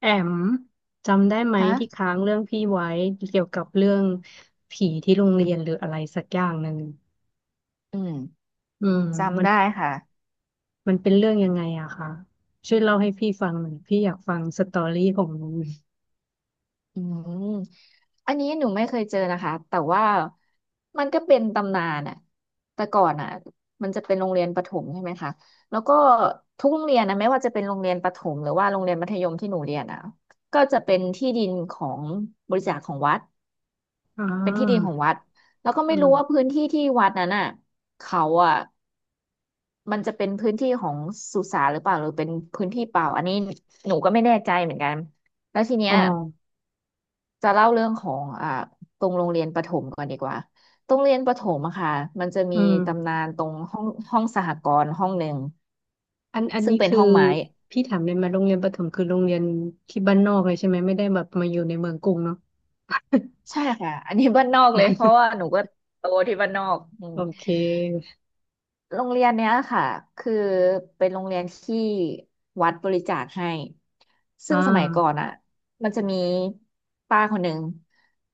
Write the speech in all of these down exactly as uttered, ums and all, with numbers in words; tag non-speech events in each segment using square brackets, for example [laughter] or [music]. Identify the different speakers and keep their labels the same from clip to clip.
Speaker 1: แอมจำได้ไหม
Speaker 2: ฮะ
Speaker 1: ที่ค้างเรื่องพี่ไว้เกี่ยวกับเรื่องผีที่โรงเรียนหรืออะไรสักอย่างหนึ่ง
Speaker 2: อืม
Speaker 1: อืมมั
Speaker 2: จำ
Speaker 1: น
Speaker 2: ได้ค่ะ
Speaker 1: มันเป็นเรื่องยังไงอะคะช่วยเล่าให้พี่ฟังหน่อยพี่อยากฟังสตอรี่ของมัน
Speaker 2: อืมอันนี้หนูไม่เคยเจอนะคะ แต่ว่ามันก็เป็นตำนานอะแต่ก่อนอะมันจะเป็นโรงเรียนประถมใช่ไหมคะแล้วก็ทุกโรงเรียนนะไม่ว่าจะเป็นโรงเรียนประถมหรือว่าโรงเรียนมัธยมที่หนูเรียนอะก็จะเป็นที่ดินของบริจาคของวัด
Speaker 1: อ่
Speaker 2: เป็นที่ดิน
Speaker 1: า
Speaker 2: ของวัด แล้วก็ไม่รู้ว่า
Speaker 1: อา
Speaker 2: พื้นที่ที่วัดนั้นอะเขาอะ มันจะเป็นพื้นที่ของสุสานหรือเปล่าหรือเป็นพื้นที่เปล่าอันนี้หนูก็ไม่แน่ใจเหมือนกันแล้วทีเนี้
Speaker 1: อ๋อ
Speaker 2: ยจะเล่าเรื่องของอ่าตรงโรงเรียนประถมก่อนดีกว่าโรงเรียนประถมอะค่ะมันจะมี
Speaker 1: อื
Speaker 2: ตำนา
Speaker 1: ม
Speaker 2: นตรงห้องห้องสหกรณ์ห้องหนึ่ง
Speaker 1: อันอัน
Speaker 2: ซึ่ง
Speaker 1: นี้
Speaker 2: เป็น
Speaker 1: คือ
Speaker 2: ห้องไม้
Speaker 1: พี่ถามเลยมาโรงเรียนประถมคือโรงเรียนที่บ้านนอกเลยใช่ไหมไม่ได้แบบมาอยู่ในเมืองกรุงเนาะ
Speaker 2: ใช่ค่ะอันนี้บ้านนอกเลยเพราะว่าห
Speaker 1: [laughs]
Speaker 2: นูก็โตที่บ้านนอกอืม
Speaker 1: โอเค
Speaker 2: โรงเรียนเนี้ยค่ะคือเป็นโรงเรียนที่วัดบริจาคให้
Speaker 1: อ่
Speaker 2: ซึ่งสมัยก่อน
Speaker 1: า
Speaker 2: อ่ะมันจะมีป้าคนหนึ่ง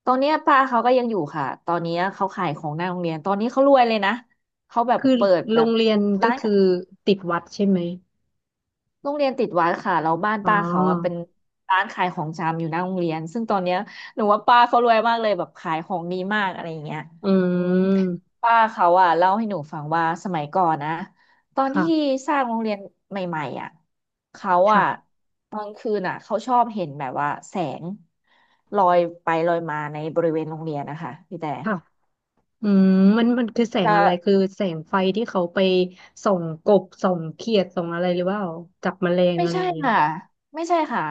Speaker 2: ตอนเนี้ยป้าเขาก็ยังอยู่ค่ะตอนเนี้ยเขาขายของหน้าโรงเรียนตอนนี้เขารวยเลยนะเขาแบบ
Speaker 1: คือ
Speaker 2: เปิด
Speaker 1: โร
Speaker 2: แบบ
Speaker 1: งเรียนก็
Speaker 2: ร้าน
Speaker 1: คือติดวัดใช่ไหม
Speaker 2: โรงเรียนติดวัดค่ะแล้วบ้าน
Speaker 1: อ๋
Speaker 2: ป้าเขาอะเป็
Speaker 1: อ
Speaker 2: นร้านขายของชำอยู่หน้าโรงเรียนซึ่งตอนเนี้ยหนูว่าป้าเขารวยมากเลยแบบขายของดีมากอะไรอย่างเงี้ย
Speaker 1: อื
Speaker 2: อืม
Speaker 1: ม
Speaker 2: ป้าเขาอะเล่าให้หนูฟังว่าสมัยก่อนนะตอนที่
Speaker 1: ค่ะ
Speaker 2: สร้างโรงเรียนใหม่ๆอะเขาอะ
Speaker 1: ค่ะ
Speaker 2: ตอนคืนอะเขาชอบเห็นแบบว่าแสงลอยไปลอยมาในบริเวณโรงเรียนนะคะพี่แต่
Speaker 1: ค่ะอืมมันมันคือแสง
Speaker 2: จะ
Speaker 1: อะไร คือแสงไฟที่เขาไปส่องกบ ส่องเขียดส่องอะไรหรือเปล่าจับแมลง
Speaker 2: ไม่
Speaker 1: อะไร
Speaker 2: ใช่
Speaker 1: อย่างเงี้ย
Speaker 2: ค่ะ ไม่ใช่ค่ะ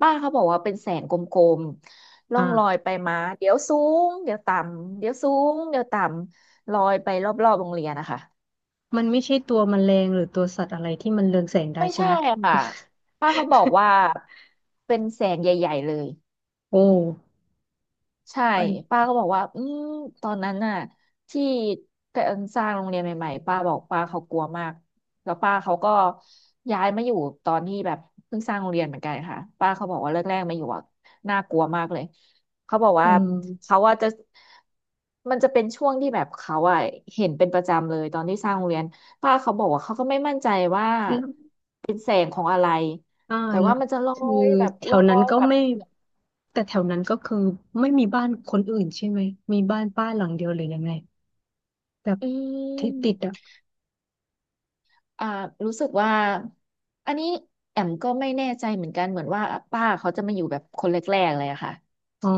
Speaker 2: ป้าเขาบอกว่าเป็นแสงกลมๆล่องลอ
Speaker 1: อ่า
Speaker 2: ยไปมาเดี๋ยวสูงเดี๋ยวต่ำเดี๋ยวสูงเดี๋ยวต่ำลอยไปรอบๆโรงเรียนนะคะ
Speaker 1: มันไม่ใช่ตัวแมลงหรือตัวสัตว์อะไรที่มันเรืองแสงได้
Speaker 2: ไม่
Speaker 1: ใช่
Speaker 2: ใช่
Speaker 1: ไหม
Speaker 2: ค่ะป้าเขาบอกว่า
Speaker 1: [laughs]
Speaker 2: เป็นแสงใหญ่ๆเลย
Speaker 1: โอ้
Speaker 2: ใช่
Speaker 1: อัน
Speaker 2: ป้าก็บอกว่าอืมตอนนั้นน่ะที่การสร้างโรงเรียนใหม่ๆป้าบอกป้าเขากลัวมากแล้วป้าเขาก็ย้ายมาอยู่ตอนที่แบบเพิ่งสร้างโรงเรียนเหมือนกันค่ะป้าเขาบอกว่าแรกๆมาอยู่อ่ะน่ากลัวมากเลยเขาบอก
Speaker 1: อื
Speaker 2: ว่า
Speaker 1: ม
Speaker 2: เขาว่าจะมันจะเป็นช่วงที่แบบเขาอ่ะเห็นเป็นประจำเลยตอนที่สร้างโรงเรียนป้าเขาบอกว่าเขาก็ไม่มั่นใจว่า
Speaker 1: แล้วอ่า
Speaker 2: แต่
Speaker 1: แล้
Speaker 2: ว่า
Speaker 1: ว
Speaker 2: มันจะลอ
Speaker 1: คือ
Speaker 2: ยแบบ
Speaker 1: แถ
Speaker 2: ล
Speaker 1: ว
Speaker 2: อ
Speaker 1: นั้น
Speaker 2: ย
Speaker 1: ก็
Speaker 2: แบบ
Speaker 1: ไม่ แต่แถวนั้นก็คือไม่มีบ้านคนอื่นใช่ไหม มีบ้านป้าหลังเดียวหรือยังไงแบบ
Speaker 2: อื
Speaker 1: ที่ติดอ่ะ
Speaker 2: ม อ่ารู้สึกว่าอันนี้แอมก็ไม่แน่ใจเหมือนกัน เหมือนว่าป้าเขาจะมาอยู่แบบคนแรกๆเลยอะค่ะ
Speaker 1: อ๋อ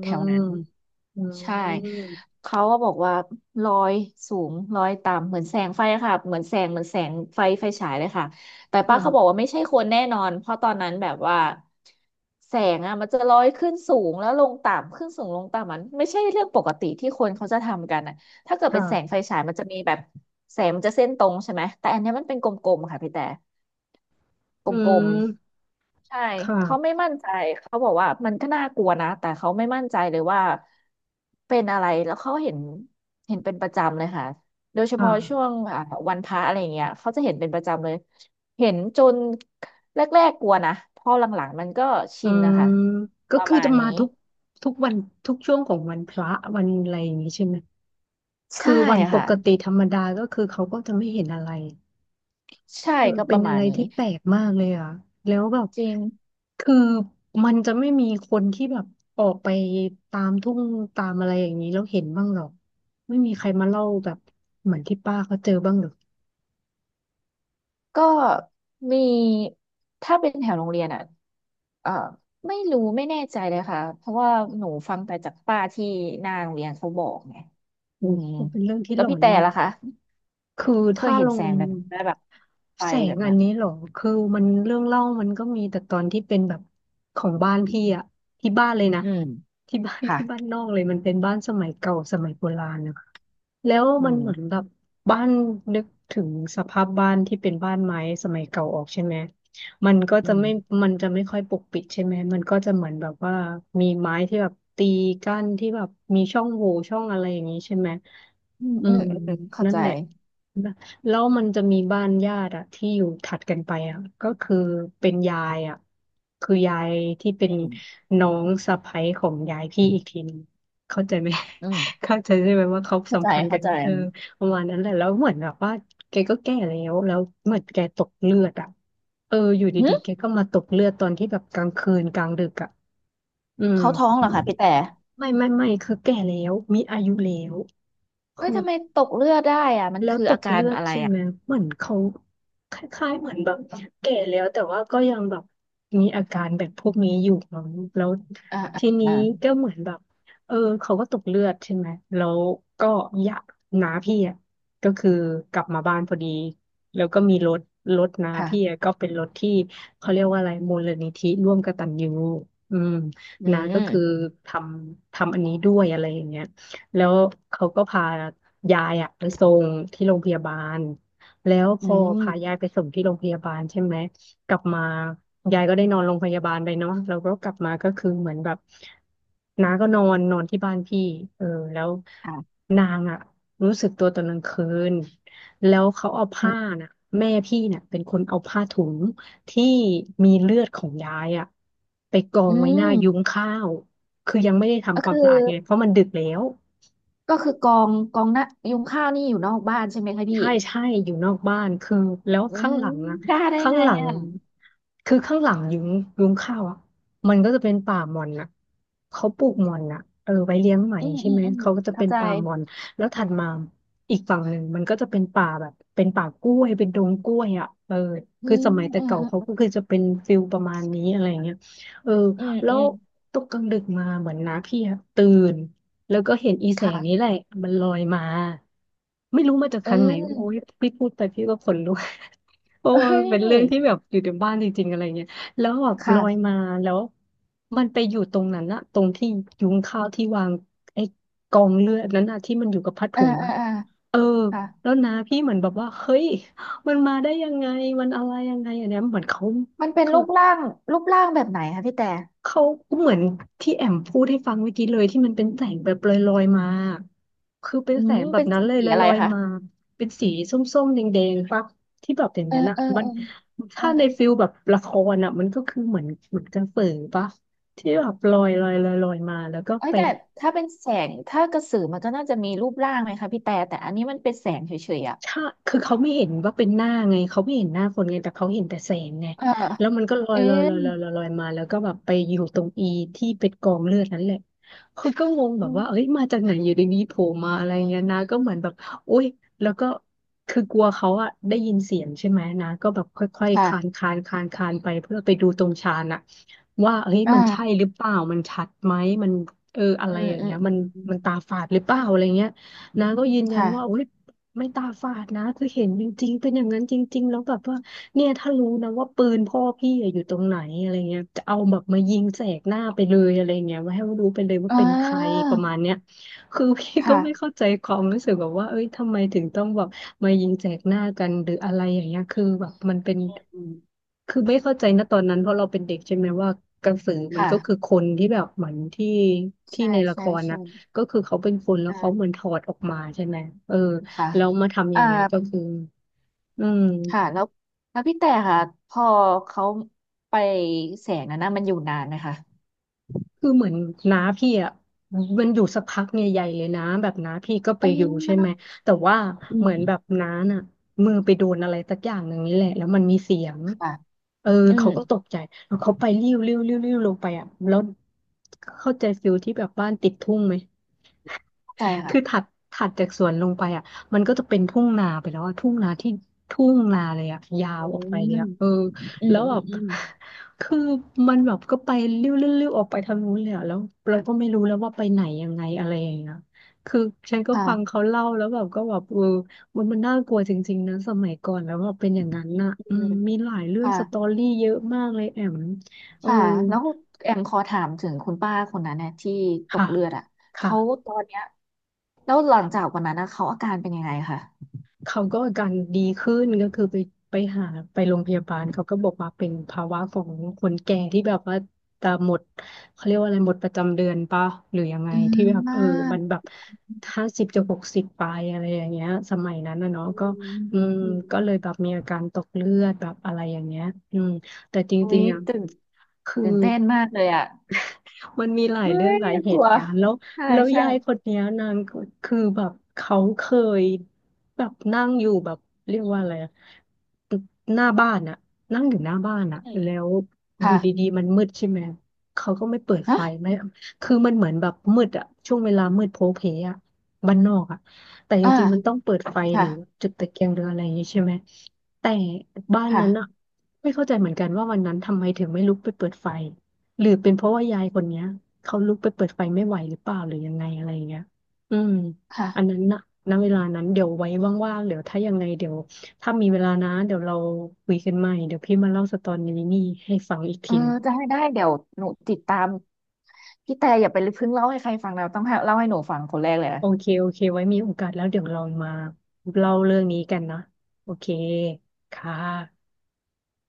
Speaker 2: แถวนั้น
Speaker 1: อื
Speaker 2: ใช่
Speaker 1: ม
Speaker 2: เขาก็บอกว่าลอยสูงลอยต่ำเหมือนแสงไฟอะค่ะเหมือนแสงเหมือนแสงไฟไฟฉายเลยค่ะแต่ป้าเขาบอก
Speaker 1: ค่ะ
Speaker 2: ว่าไม่ใช่คนแน่นอนเพราะตอนนั้นแบบว่าแสงอะมันจะลอยขึ้นสูงแล้วลงต่ำขึ้นสูงลงต่ำมันไม่ใช่เรื่องปกติที่คนเขาจะทำกันอะถ้าเกิดเป็นแสงไฟ
Speaker 1: ค่ะ
Speaker 2: ฉายมันจะมีแบบแสงมันจะเส้นตรงใช่ไหมแต่อันเนี้ยมันเป็นกลมๆค่ะพี่แต่ ก
Speaker 1: อื
Speaker 2: ลม
Speaker 1: ม
Speaker 2: ๆใช่
Speaker 1: ค
Speaker 2: เขาไม่
Speaker 1: ่ะ
Speaker 2: มั่นใจเขาบอกว่ามันก็น่ากลัวนะแต่เขาไม่มั่นใจเลยว่าเป็นอะไรแล้วเขาเห็นเห็นเป็นประจำเลยค่ะโดยเฉพาะช่ว
Speaker 1: ค่ะ
Speaker 2: งอ่าวันพระอะไรเงี้ยเขาจะเห็นเป็นประจำเลยเห็นจนแรกๆกลัวนะพอหลังๆมันก็
Speaker 1: อื
Speaker 2: ชินนะ
Speaker 1: ม
Speaker 2: คะ
Speaker 1: ก็
Speaker 2: ประ
Speaker 1: คือ
Speaker 2: มา
Speaker 1: จะ
Speaker 2: ณ
Speaker 1: มา
Speaker 2: นี้
Speaker 1: ทุกทุกวันทุกช่วงของวันพระวันอะไรอย่างนี้ใช่ไหมคื
Speaker 2: ใช่
Speaker 1: อวันป
Speaker 2: ค่ะ
Speaker 1: กติธรรมดาก็คือเขาก็จะไม่เห็นอะไร
Speaker 2: ใช่
Speaker 1: เออ
Speaker 2: ก็ป
Speaker 1: เป็น
Speaker 2: ระมา
Speaker 1: อะไร
Speaker 2: ณนี้
Speaker 1: ที่แปลกมากเลยอ่ะแล้วแบบ
Speaker 2: จริง
Speaker 1: คือมันจะไม่มีคนที่แบบออกไปตามทุ่งตามอะไรอย่างนี้แล้วเห็นบ้างหรอกไม่มีใครมาเล่าแบบเหมือนที่ป้าเขาเจอบ้างหรอก
Speaker 2: ก็มีถ้าเป็นแถวโรงเรียนอ่ะ เออไม่รู้ไม่แน่ใจเลยค่ะเพราะว่าหนูฟังแต่จากป้าที่หน้าโรงเรียนเขาบอกไงอื
Speaker 1: โอ้
Speaker 2: ม
Speaker 1: ก็เป็นเรื่องที่
Speaker 2: แล้
Speaker 1: หล
Speaker 2: ว
Speaker 1: อ
Speaker 2: พี่
Speaker 1: น
Speaker 2: แต่
Speaker 1: เนาะ
Speaker 2: ล่ะคะ
Speaker 1: คือ
Speaker 2: เคย
Speaker 1: ถ้า
Speaker 2: เห็
Speaker 1: ล
Speaker 2: นแส
Speaker 1: ง
Speaker 2: งแบบได้แบบไฟ
Speaker 1: แส
Speaker 2: แบ
Speaker 1: ง
Speaker 2: บ
Speaker 1: อั
Speaker 2: เนี้
Speaker 1: น
Speaker 2: ย
Speaker 1: นี้เหรอ คือมันเรื่องเล่ามันก็มีแต่ตอนที่เป็นแบบของบ้านพี่อะที่บ้าน [laughs] เลยนะ
Speaker 2: อืม
Speaker 1: ที่บ้าน
Speaker 2: ค่ะ
Speaker 1: ที่บ้านนอกเลยมันเป็นบ้านสมัยเก่าสมัยโบราณนะ แล้ว
Speaker 2: อื
Speaker 1: มัน
Speaker 2: ม
Speaker 1: เหมือนแบบบ้านนึกถึงสภาพบ้านที่เป็นบ้านไม้สมัยเก่าออกใช่ไหมมันก็
Speaker 2: อื
Speaker 1: จะ
Speaker 2: ม
Speaker 1: ไม่มันจะไม่ค่อยปกปิดใช่ไหมมันก็จะเหมือนแบบว่ามีไม้ที่แบบตีกั้นที่แบบมีช่องโหว่ช่องอะไรอย่างนี้ใช่ไหม
Speaker 2: อืม
Speaker 1: อื
Speaker 2: อืม
Speaker 1: ม
Speaker 2: อืมเข้า
Speaker 1: นั่น
Speaker 2: ใจ
Speaker 1: แหละแล้วมันจะมีบ้านญาติอะที่อยู่ถัดกันไปอะก็คือเป็นยายอะคือยายที่เป็
Speaker 2: อื
Speaker 1: น
Speaker 2: ม
Speaker 1: น้องสะใภ้ของยายพี่อีกทีหนึงเข้าใจไหม
Speaker 2: อืม
Speaker 1: เข้าใจใช่ไหมว่าเขาสั
Speaker 2: เข้า
Speaker 1: ม
Speaker 2: ใจ
Speaker 1: พันธ์กั
Speaker 2: เข้า
Speaker 1: น
Speaker 2: ใจ
Speaker 1: เออประมาณนั้นแหละแล้วเหมือนแบบว่าแกก็แก่แล้วแล้วเหมือนแกตกเลือดอ่ะเอออยู่ดี
Speaker 2: หึ
Speaker 1: ๆแกก็มาตกเลือดตอนที่แบบกลางคืนกลางดึกอ่ะอืม
Speaker 2: เขาท้องเหรอคะพี่แต่
Speaker 1: ไม่ไม่ไม่คือแก่แล้วมีอายุแล้ว
Speaker 2: เอ้
Speaker 1: คื
Speaker 2: ย
Speaker 1: อ
Speaker 2: ทำไมตกเลือดได้อ่ะมัน
Speaker 1: แล้ว
Speaker 2: คือ
Speaker 1: ต
Speaker 2: อา
Speaker 1: ก
Speaker 2: กา
Speaker 1: เลื
Speaker 2: ร
Speaker 1: อด
Speaker 2: อะไร
Speaker 1: ใช่
Speaker 2: อ่ะ
Speaker 1: ไหมเหมือนเขาคล้ายๆเหมือนแบบแก่แล้วแต่ว่าก็ยังแบบมีอาการแบบพวกนี้อยู่มั้งแล้ว
Speaker 2: อ่าอ่า
Speaker 1: ทีนี้
Speaker 2: อ่า
Speaker 1: ก็เหมือนแบบเออเขาก็ตกเลือดใช่ไหมแล้วก็อยากน้าพี่อ่ะก็คือกลับมาบ้านพอดีแล้วก็มีรถรถน้าพี่อะ
Speaker 2: ค่ะ
Speaker 1: ก็เป็นรถที่เขาเรียกว่าอะไรมูลนิธิร่วมกตัญญูอืม
Speaker 2: อื
Speaker 1: นะก็คือ
Speaker 2: ม
Speaker 1: ทำทำอันนี้ด้วยอะไรอย่างเงี้ย แล้วเขาก็พายายอะไปส่งที่โรงพยาบาลแล้วพ
Speaker 2: อื
Speaker 1: อพายา
Speaker 2: ม
Speaker 1: ยไปส่งที่โรงพยาบาลใช่ไหมกลับมายายก็ได้นอนโรงพยาบาลไปเนาะแล้วก็กลับมาก็คือเหมือนแบบน้าก็นอนนอนที่บ้านพี่เออแล้ว
Speaker 2: ค่ะ
Speaker 1: นางอะรู้สึกตัวตอนกลางคืนแล้วเขาเอาผ้าน่ะแม่พี่น่ะเป็นคนเอาผ้าถุงที่มีเลือดของยายอะไปกอ
Speaker 2: อื
Speaker 1: งไว้หน้า
Speaker 2: ม
Speaker 1: ยุ้งข้าวคือยังไม่ได้
Speaker 2: ก็
Speaker 1: ทำความ
Speaker 2: คือ
Speaker 1: สะอาดเลยเพราะมันดึกแล้ว
Speaker 2: ก็คือกองกองน่ะยุงข้าวนี่อยู่นอกบ้านใช่ไหมคะพี่
Speaker 1: ใช่ใช่อยู่นอกบ้านคือแล้ว
Speaker 2: อื
Speaker 1: ข้าง
Speaker 2: ม
Speaker 1: หลังอะ
Speaker 2: กล้าได้
Speaker 1: ข้าง
Speaker 2: ไง
Speaker 1: หลัง
Speaker 2: อ่ะ
Speaker 1: คือข้างหลังยุ้งยุ้งข้าวอะมันก็จะเป็นป่าหม่อนอะเขาปลูกหม่อนอะเออไว้เลี้ยงไหม
Speaker 2: อืม
Speaker 1: ใช่
Speaker 2: อืม
Speaker 1: ไหม
Speaker 2: อืม
Speaker 1: เขาก็จะเป็
Speaker 2: เข้า
Speaker 1: น
Speaker 2: ใจ
Speaker 1: ป่าหม่อนแล้วถัดมาอีกฝั่งหนึ่งมันก็จะเป็นป่าแบบเป็นป่ากล้วยเป็นดงกล้วยอะเออ
Speaker 2: อื
Speaker 1: คือ
Speaker 2: ม
Speaker 1: สมัยแต่
Speaker 2: อืม
Speaker 1: เก่า
Speaker 2: อ
Speaker 1: เขา
Speaker 2: ื
Speaker 1: ก็คือจะเป็นฟิลประมาณนี้อะไรเงี้ยเออ
Speaker 2: ม
Speaker 1: แล้
Speaker 2: อื
Speaker 1: ว
Speaker 2: ม
Speaker 1: ตกกลางดึกมาเหมือนน้าพี่อะตื่น แล้วก็เห็นอีแสงนี้แห
Speaker 2: ค่ะ
Speaker 1: ละมันลอยมาไม่รู้มาจาก
Speaker 2: เ
Speaker 1: ทางไหนโอ้ย
Speaker 2: ออ
Speaker 1: พี่พูดไปพี่ก็ขนลุก [laughs] เพราะ
Speaker 2: เอ้
Speaker 1: ว่ามันเป็นเรื่องที่
Speaker 2: ย
Speaker 1: แบบอยู่ในบ้านจริงๆอะไรเงี้ยแล้วแบบลอย
Speaker 2: ค่ะ
Speaker 1: มาแล้วมันไปอยู่ตรงนั้นอะตรงที่ยุงข้าวที่วางไอ้กองเลือดนั้นอะที่มันอยู่กับผ้า
Speaker 2: เออ
Speaker 1: ถุง
Speaker 2: เออ
Speaker 1: อะ
Speaker 2: เออ
Speaker 1: เออ
Speaker 2: ค่ะ
Speaker 1: แล้วนะพี่เหมือนแบบว่าเฮ้ยมันมาได้ยังไงมันอะไรยังไงอันเนี้ยเหมือนเขา
Speaker 2: มันเป็นรูปร่างรูปร่างแบบไหนคะพี่แต่
Speaker 1: เขาเหมือนที่แอมพูดให้ฟังเมื่อกี้เลยที่มันเป็นแสงแบบลอยๆมาคือเป็น
Speaker 2: อื
Speaker 1: แส
Speaker 2: ม
Speaker 1: งแบ
Speaker 2: เป็
Speaker 1: บ
Speaker 2: น
Speaker 1: นั้
Speaker 2: ส
Speaker 1: นเลย
Speaker 2: ี
Speaker 1: ล
Speaker 2: อะไร
Speaker 1: อย
Speaker 2: คะ
Speaker 1: ๆมาเป็นสีส้มๆแดงๆปะที่แบบอย่าง
Speaker 2: เออ
Speaker 1: นั้นอ่ะ
Speaker 2: เออ
Speaker 1: มั
Speaker 2: เอ
Speaker 1: น
Speaker 2: อเออ
Speaker 1: ถ้าในฟิลแบบละครอ่ะมันก็คือเหมือนเหมือนกระสือปะที่แบบลอยลอยลอยลอยมาแล้วก็
Speaker 2: เอ้ย
Speaker 1: ไป
Speaker 2: แต่ถ้าเป็นแสงถ้ากระสือมันก็น่าจะมีรูปร่างไหมคะพี่แต่แต่อันนี้มันเป็นแสงเฉยๆอ่ะ
Speaker 1: ใช่คือเขาไม่เห็นว่าเป็นหน้าไงเขาไม่เห็นหน้าคนไงแต่เขาเห็นแต่แสงไง
Speaker 2: เออ
Speaker 1: แล้วมันก็ลอ
Speaker 2: เอ
Speaker 1: ย
Speaker 2: อ
Speaker 1: ลอยลอยลอยลอยลอยมาแล้วก็แบบไปอยู่ตรงอีที่เป็นกองเลือดนั่นแหละคือก็งงแบ
Speaker 2: อื
Speaker 1: บว่าเอ้
Speaker 2: ม
Speaker 1: ยมาจากไหนอยู่ดีๆโผล่มาอะไรเงี้ยนะก็เหมือนแบบโอ๊ยแล้วก็คือกลัวเขาอะได้ยินเสียงใช่ไหมนะก็แบบค่อยๆคลานค
Speaker 2: ค่ะ
Speaker 1: ลานคลานคลานไปเพื่อไปดูตรงชานอะว่าเอ้ยมันใช่
Speaker 2: อ่า
Speaker 1: หรือเปล่ามันชัดไหมมันเอออะ
Speaker 2: อื
Speaker 1: ไร
Speaker 2: ม
Speaker 1: อย่าง
Speaker 2: อื
Speaker 1: เงี้
Speaker 2: ม
Speaker 1: ยมัน
Speaker 2: อืม
Speaker 1: มันตาฝาดหรือเปล่าอะไรเงี้ยนะก็ยืนยันว่าโอ๊
Speaker 2: ค่ะ
Speaker 1: ย ไม่ตาฝาดนะคือเห็นจริงๆเป็นอย่างนั้นจริงๆแล้วแบบว่าเนี่ยถ้ารู้นะว่าปืนพ่อพี่อะอยู่ตรงไหนอะไรเงี้ยจะเอาแบบมายิงแสกหน้าไปเลยอะไรเงี้ยว่าให้รู้ไปเลยว่า
Speaker 2: อ่
Speaker 1: เป็นใคร
Speaker 2: า
Speaker 1: ประมาณเนี้ยคือพี่ก็ไม่
Speaker 2: ค่ะ
Speaker 1: เข้าใจความรู้สึกแบบว่าเอ้ยทำไมถึงต้องแบบมายิงแสกหน้ากันหรืออะไรอย่างเงี้ยคือแบบมันเป็น
Speaker 2: อืมอืม
Speaker 1: คือไม่เข้าใจนะตอนนั้นเพราะเราเป็นเด็กใช่ไหมว่ากระสือ
Speaker 2: ค
Speaker 1: มันก็คือค
Speaker 2: ่ะ
Speaker 1: นที่แบบเหมือนที่ที่
Speaker 2: ใช่
Speaker 1: ในละค
Speaker 2: ใช่
Speaker 1: ร
Speaker 2: ใช่
Speaker 1: นะก็คือเขาเป็นคนแล้วเขาเหมือ
Speaker 2: อ่า
Speaker 1: นถอดออกมาใช่ไหมเออ
Speaker 2: ค่ะ
Speaker 1: แล้วมาทำอ
Speaker 2: อ่า
Speaker 1: ย่างเงี้ยก็คืออืม
Speaker 2: ค่ะแล้วแล้วพี่แต่ค่ะพอเขาไปแสงนั้นนะมันอยู่นานไหมคะ
Speaker 1: คือเหมือนน้าพี่อ่ะมันอยู่สักพักเนี่ยใหญ่เลยนะแบบน้าพี่ก็
Speaker 2: เ
Speaker 1: ไปอยู่ใช่ไหม
Speaker 2: ออ
Speaker 1: แต่ว่า
Speaker 2: อื
Speaker 1: เหมือ
Speaker 2: ม
Speaker 1: นแบบน้าน่ะมือไปโดนอะไรสักอย่างหนึ่งนี่แหละแล้วมันมีเสียง
Speaker 2: ค่ะ
Speaker 1: เออ
Speaker 2: อืม
Speaker 1: เขาก็ตกใจแล้วเขาไปริ้วริ้วริ้วริ้วลงไปอ่ะแล้วเข้าใจฟิลที่แบบบ้านติดทุ่งไหม
Speaker 2: เข้าใจค่ะ
Speaker 1: คือถัดถัดจากสวนลงไปอ่ะมันก็จะเป็นทุ่งนาไปแล้วอ่ะทุ่งนาที่ทุ่งนาเลยอ่ะยาว
Speaker 2: อื
Speaker 1: ออกไปเล
Speaker 2: ม
Speaker 1: ยอ่ะเออ
Speaker 2: อืม
Speaker 1: แล้ว
Speaker 2: อื
Speaker 1: แบ
Speaker 2: ม
Speaker 1: บ
Speaker 2: อืม
Speaker 1: [laughs] คือมันแบบก็ไปเลี้ยวๆออกไปทางนู้นเลยอ่ะแล้วเราก็ไม่รู้แล้วว่าไปไหนยังไงอะไรอย่างเงี้ยคือฉันก็ฟัง
Speaker 2: ค่ะ
Speaker 1: เขาเล่าแล้วแบบก็แบบเออมันมันน่ากลัวจริงๆนะสมัยก่อนแล้วว่าเป็นอย่างนั้นน่ะ
Speaker 2: อื
Speaker 1: อื
Speaker 2: ม
Speaker 1: มมีหลายเรื่อง
Speaker 2: ค่ะ
Speaker 1: สตอรี่เยอะมากเลยแอมเออ
Speaker 2: ค่ะแล้วแอมขอถามถึงคุณป้าคนนั้นเนี่ยที่ต
Speaker 1: ค่ะ
Speaker 2: กเลือดอ่ะเขา
Speaker 1: ค่ะ
Speaker 2: ตอนเนี้ยแล้วหลังจากวันนั้นนะเขาอาการเป็นยังไงคะ
Speaker 1: เขาก็อาการดีขึ้นก็คือไปไปหาไปโรงพยาบาลเขาก็บอกว่าเป็นภาวะของคนแก่ที่แบบว่าตาหมดเขาเรียกว่าอะไรหมดประจำเดือนปะหรือยังไง
Speaker 2: อืม
Speaker 1: ที่แบบเอ
Speaker 2: มา
Speaker 1: อ
Speaker 2: ก
Speaker 1: มันแบบห้าสิบจะหกสิบไปอะไรอย่างเงี้ยสมัยนั้นนะเนาะ
Speaker 2: อื
Speaker 1: ก็
Speaker 2: ม
Speaker 1: อืม
Speaker 2: อื
Speaker 1: ก็
Speaker 2: ม
Speaker 1: เลยแบบมีอาการตกเลือดแบบอะไรอย่างเงี้ยอืมแต่จ
Speaker 2: อุ๊
Speaker 1: ริง
Speaker 2: ย
Speaker 1: ๆอ่ะ
Speaker 2: ตื่น
Speaker 1: คือ
Speaker 2: ตื่นเต้นมากเลยอ่ะ
Speaker 1: มันมีหลาย
Speaker 2: เฮ้
Speaker 1: เรื่องห
Speaker 2: ย
Speaker 1: ลายเห
Speaker 2: กลั
Speaker 1: ตุ
Speaker 2: ว
Speaker 1: การณ์แล้ว
Speaker 2: ใช่
Speaker 1: แล้ว
Speaker 2: ใช่
Speaker 1: ยายคนเนี้ยนางก็คือแบบเขาเคยแบบนั่งอยู่แบบเรียกว่าอะไรอะหน้าบ้านอะนั่งอยู่หน้าบ้านอะ
Speaker 2: อืม
Speaker 1: แล้วอ
Speaker 2: ค่ะ
Speaker 1: ยู่ดีๆมันมืดใช่ไหมเขาก็ไม่เปิด
Speaker 2: ฮะ
Speaker 1: ไฟไม่คือมันเหมือนแบบมืดอะช่วงเวลามืดโพลเพอะบ้านนอกอะแต่จ
Speaker 2: อ่า
Speaker 1: ริงๆมันต้องเปิดไฟหรือ
Speaker 2: ค่ะ
Speaker 1: จุดตะเกียงหรืออะไรอย่างงี้ใช่ไหมแต่บ้านนั้นอะ
Speaker 2: ค่ะ
Speaker 1: ไม่เข้าใจเหมือนกันว่าวันนั้นทำไมถึงไม่ลุกไปเปิดไฟ หรือเป็นเพราะว่ายายคนเนี้ยเขาลุกไปเปิดไฟไม่ไหวหรือเปล่าหรือยังไงอะไรอย่างเงี้ยอืมอันนั้
Speaker 2: ค่ะ
Speaker 1: นนะณเวลานั้นเดี๋ยวไว้ว่างๆเดี๋ยวถ้ายังไงเดี๋ยวถ้ามีเวลานะเดี๋ยวเราคุยกันใหม่เดี๋ยวพี่มาเล่าสตอรี่นี่ให้ฟังอีก
Speaker 2: เอ
Speaker 1: ที
Speaker 2: อ
Speaker 1: หนึง
Speaker 2: จะให้ได้เดี๋ยวหนูติดตามพี่แต่อย่าไปเพิ่งเล่าให้ใครฟังนะต้องให้เล่าให้หนูฟังคนแรกเลย
Speaker 1: โอ
Speaker 2: นะ
Speaker 1: เคโอเคไว้มีโอกาสแล้วเดี๋ยวเรามาเล่าเรื่องนี้กันนะโอเคค่ะ